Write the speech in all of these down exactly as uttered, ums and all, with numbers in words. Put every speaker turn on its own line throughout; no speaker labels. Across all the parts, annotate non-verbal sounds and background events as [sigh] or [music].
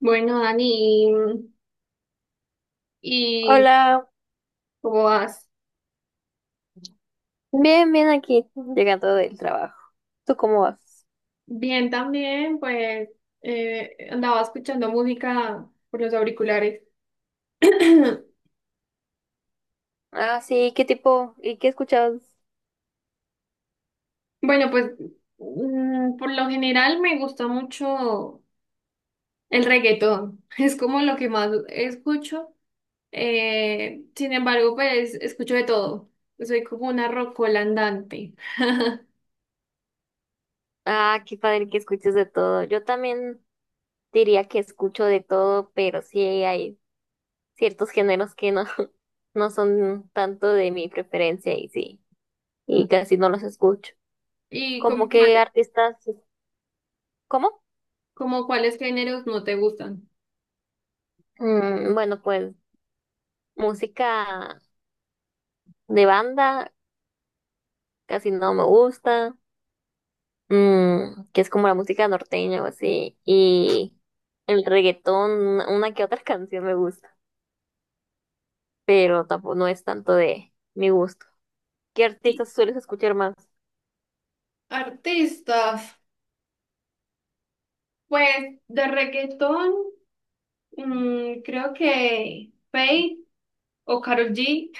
Bueno, Dani, y, y
Hola,
¿cómo vas?
bien, bien aquí, llegando del trabajo. ¿Tú cómo vas?
Bien también, pues eh, andaba escuchando música por los auriculares. [clears throat]
Ah, sí, ¿qué tipo? ¿Y qué escuchas?
Bueno, pues mm, por lo general me gusta mucho el reggaetón, [laughs] es como lo que más escucho. Eh, sin embargo, pues escucho de todo. Soy como una rocola andante. [laughs]
Ah, qué padre que escuches de todo. Yo también diría que escucho de todo, pero sí hay ciertos géneros que no, [laughs] no son tanto de mi preferencia y sí, y casi no los escucho.
¿Y como
¿Cómo que
cuáles,
artistas? ¿Cómo?
como cuáles géneros no te gustan?
Mm, bueno, pues música de banda casi no me gusta. Mm, que es como la música norteña o así, y el reggaetón, una una que otra [laughs] canción me gusta, pero tampoco no es tanto de mi gusto. ¿Qué
Y
artistas sueles escuchar más?
artistas, pues de reggaetón, mm, creo que Faith o Karol G,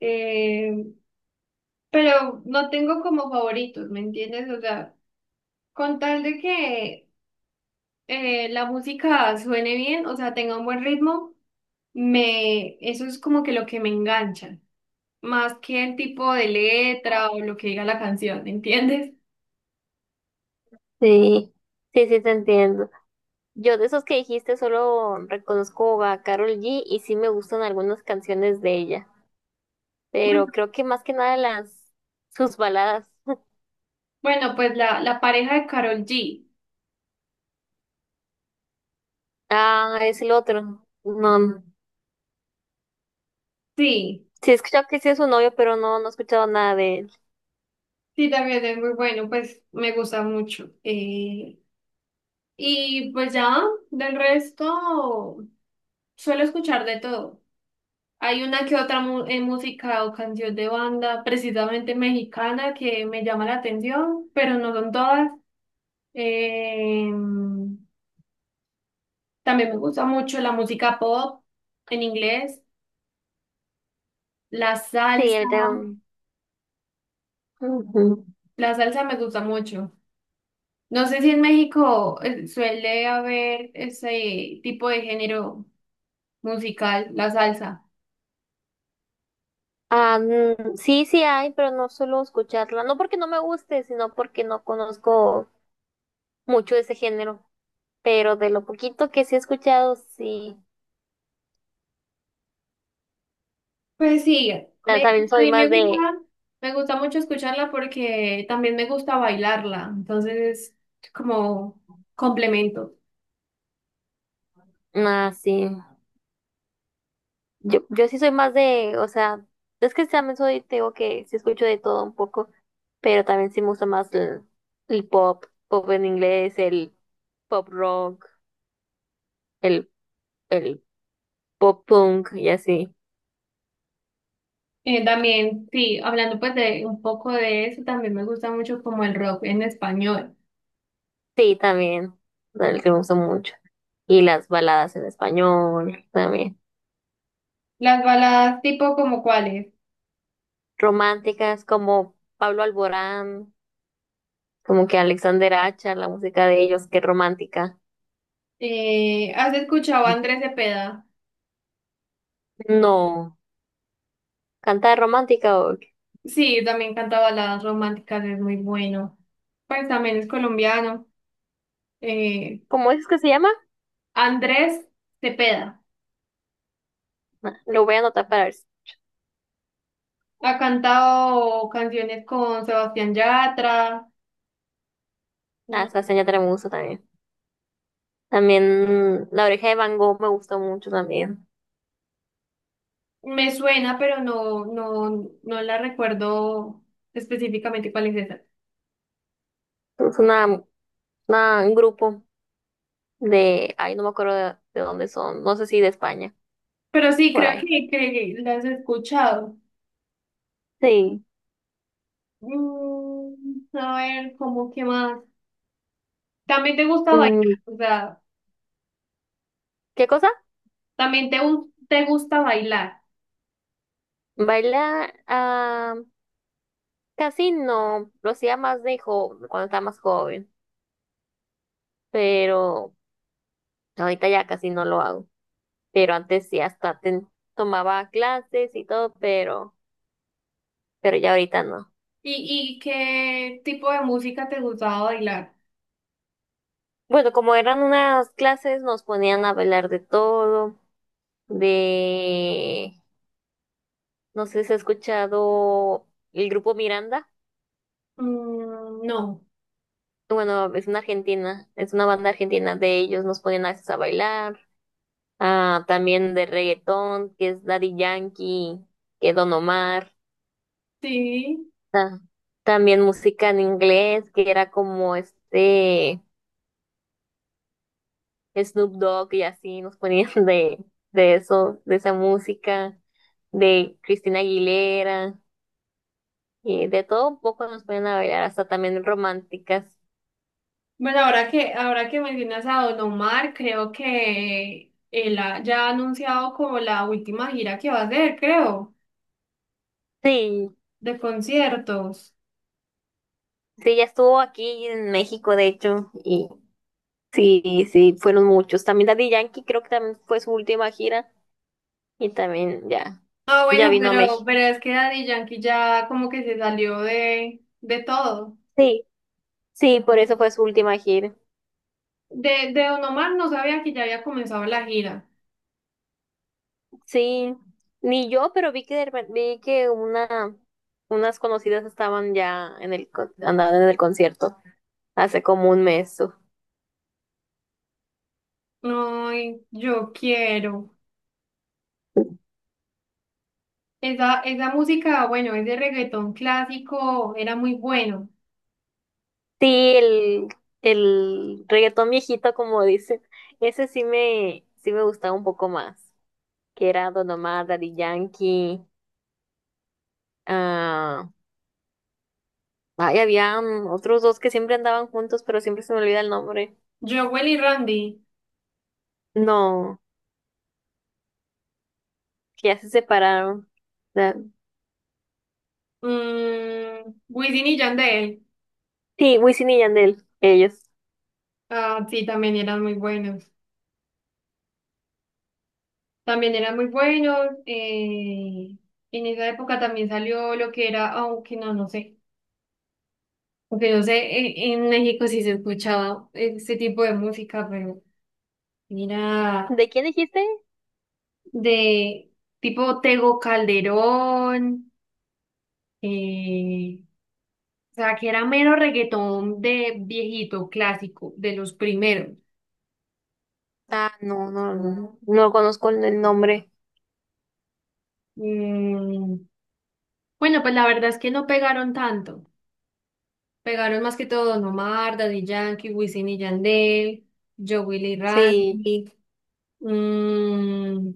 eh, pero no tengo como favoritos, ¿me entiendes? O sea, con tal de que eh, la música suene bien, o sea, tenga un buen ritmo, me, eso es como que lo que me engancha, más que el tipo de letra o lo que diga la canción, ¿me entiendes?
Sí, sí, sí, te entiendo. Yo de esos que dijiste solo reconozco a Carol G y sí me gustan algunas canciones de ella, pero
Bueno,
creo que más que nada las sus baladas. [laughs]
bueno, pues la, la pareja de Karol G,
Ah, es el otro. No, no.
sí.
Sí he escuchado que sí es su novio, pero no, no he escuchado nada de él.
Sí, también es muy bueno, pues me gusta mucho. Eh, y pues ya, del resto, suelo escuchar de todo. Hay una que otra mu- eh, música o canción de banda, precisamente mexicana, que me llama la atención, pero no son todas. Eh, también me gusta mucho la música pop en inglés, la
Sí,
salsa.
él también.
La salsa me gusta mucho. No sé si en México eh, suele haber ese tipo de género musical, la salsa.
Ah, mm, sí, sí hay, pero no suelo escucharla. No porque no me guste, sino porque no conozco mucho de ese género. Pero de lo poquito que sí he escuchado, sí.
Pues sí,
Ah,
me-
también
a
soy
mí me
más
gusta,
de...
me gusta mucho escucharla porque también me gusta bailarla, entonces es como complemento.
Ah, sí. Yo, yo sí soy más de... O sea, es que también soy... Te digo que sí escucho de todo un poco. Pero también sí me gusta más el, el pop. Pop en inglés, el pop rock, el, el pop punk y así.
Eh, también, sí, hablando pues de un poco de eso, también me gusta mucho como el rock en español.
Sí, también el que me gusta mucho. Y las baladas en español también.
Las baladas tipo como cuáles.
Románticas como Pablo Alborán, como que Alexander Acha, la música de ellos, qué romántica.
Eh, ¿has escuchado a Andrés Cepeda?
No, canta de romántica o
Sí, también canta baladas románticas, es muy bueno. Pues también es colombiano. Eh,
¿cómo es que se llama?
Andrés Cepeda.
Ah, lo voy a anotar para ver. si-
Ha cantado canciones con Sebastián Yatra.
Ah,
Mm,
esa seña me gusta también. También La Oreja de Van Gogh me gustó mucho también.
me suena, pero no, no, no la recuerdo específicamente cuál es esa.
Es una, una- un grupo de, ay, no me acuerdo de, de dónde son, no sé si de España,
Pero sí,
por
creo
ahí.
que, que las he escuchado.
Sí.
Mm, a ver, ¿cómo qué más? También te gusta bailar,
Mm,
o sea,
¿qué cosa?
también te, gu- te gusta bailar.
Baila, ah, casi no, lo hacía más de joven, cuando estaba más joven, pero ahorita ya casi no lo hago. Pero antes sí hasta ten- tomaba clases y todo, pero, pero ya ahorita no.
¿Y, y qué tipo de música te gustaba bailar?
Bueno, como eran unas clases, nos ponían a bailar de todo, de, no sé si has escuchado el grupo Miranda.
Mm, no.
Bueno, es una argentina, es una banda argentina de ellos, nos ponían a veces a bailar, ah, también de reggaetón, que es Daddy Yankee, que Don Omar.
Sí.
Ta- También música en inglés, que era como este Snoop Dogg y así nos ponían [laughs] de, de eso, de esa música, de Cristina Aguilera, y de todo un poco nos ponían a bailar, hasta también románticas.
Bueno, ahora que, ahora que mencionas a Don Omar, creo que él ha- ya ha anunciado como la última gira que va a hacer, creo,
Sí,
de conciertos.
sí, ya estuvo aquí en México, de hecho, y sí, sí, fueron muchos. También Daddy Yankee creo que también fue su última gira y también ya,
Ah,
ya
bueno,
vino a
pero,
México.
pero es que Daddy Yankee ya como que se salió de, de todo.
Sí, sí, por eso fue su última gira.
De, de Don Omar no sabía que ya había comenzado la gira.
Sí, ni yo, pero vi que de repen- vi que una unas conocidas estaban ya en el con- andaban en el concierto hace como un mes. o-
Ay, yo quiero. Esa, esa música, bueno, ese reggaetón clásico era muy bueno.
Sí, el el reggaetón viejito como dicen, ese sí me sí me gustaba un poco más, que era Don Omar, Daddy Yankee, ah, ay, había mm, otros dos que siempre andaban juntos, pero siempre se me olvida el nombre.
Jowell y Randy,
No, que ya se separaron. Da-
mm, Wisin y Yandel.
Sí, Wisin y Yandel, ellos.
Ah, sí, también eran muy buenos. También eran muy buenos. Eh, en esa época también salió lo que era, aunque no, no sé. Aunque no sé, e- en, México sí se escuchaba este tipo de música, pero mira,
¿De quién dijiste?
de tipo Tego Calderón, eh, o sea, que era mero reggaetón de viejito, clásico, de los primeros.
Ah, no, no, no, no conozco el el nombre.
Mm, bueno, pues la verdad es que no pegaron tanto. Pegaron más que todo Don Omar, Daddy Yankee, Wisin y Yandel, Joe Willy
Sí,
Randy, mm,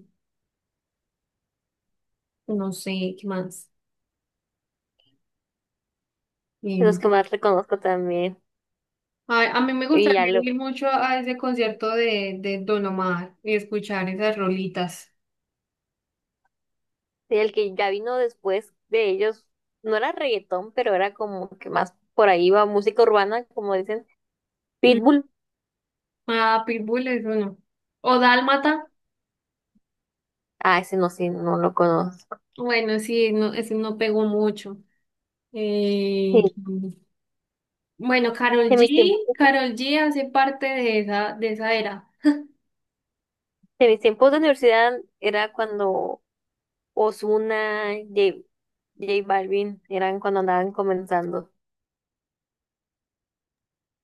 no sé, ¿qué más?
de los
Mm.
que más reconozco también.
A, a mí me
Y ya
gustaría
lo,
ir mucho a ese concierto de, de Don Omar y escuchar esas rolitas.
sí, el que ya vino después de ellos, no era reggaetón, pero era como que más por ahí va música urbana, como dicen,
Mm,
Pitbull.
ah, Pitbull es uno. O Dálmata,
Ah, ese no, sí, no lo conozco.
bueno, sí, no, ese no pegó mucho.
Sí,
Eh, bueno, Karol
en mis
G,
tiempos,
Karol G hace parte de esa, de esa era.
en mis tiempos de universidad era cuando Ozuna, J, J Balvin, eran cuando andaban comenzando.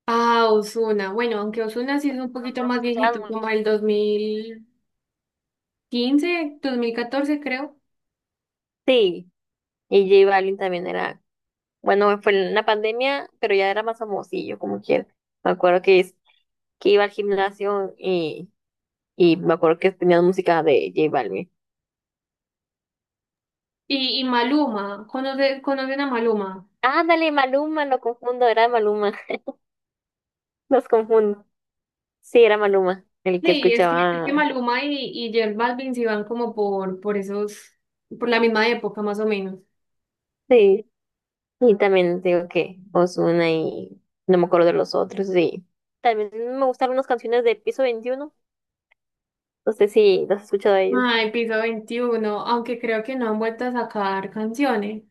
Ah, Ozuna. Bueno, aunque Ozuna sí es un
No,
poquito
no se
más
escuchaban
viejito, como
mucho.
el dos mil quince, dos mil catorce creo.
Sí, y J Balvin también era bueno, fue en la pandemia, pero ya era más famosillo, como quiera. Me acuerdo que, es- que iba al gimnasio y, y me acuerdo que tenía música de J Balvin.
Y, y Maluma, ¿conoce- ¿conocen a Maluma?
Ándale, Maluma, lo confundo, era Maluma, [laughs] los confundo. Sí, era Maluma, el que
Sí, es que, es que
escuchaba.
Maluma y, y J Balvin sí van como por, por esos, por la misma época más o menos.
Sí, y también digo que Ozuna y no me acuerdo de los otros, sí. También me gustaron unas canciones de Piso veintiuno, no sé si las has escuchado a ellos.
Ay, Piso veintiuno, aunque creo que no han vuelto a sacar canciones.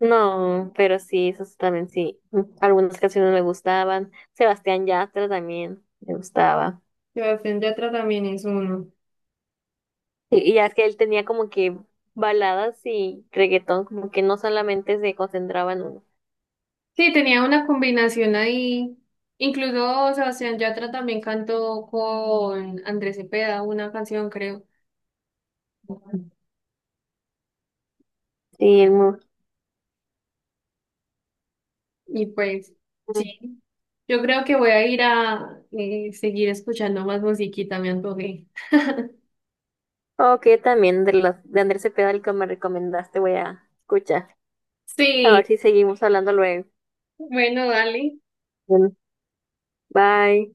No, pero sí, eso también sí. Mm, algunas canciones me gustaban. Sebastián Yatra también me gustaba.
Sebastián Yatra también es uno.
Y, y ya es que él tenía como que baladas y reggaetón, como que no solamente se concentraba en uno.
Sí, tenía una combinación ahí. Incluso Sebastián Yatra también cantó con Andrés Cepeda una canción, creo.
Sí, el mu-
Y pues, sí, yo creo que voy a ir a eh, seguir escuchando más musiquita, me antojé.
ok, también de las de Andrés Cepeda, el que me recomendaste, voy a escuchar. A ver
Sí,
si seguimos hablando luego.
bueno, dale.
Bueno, bye.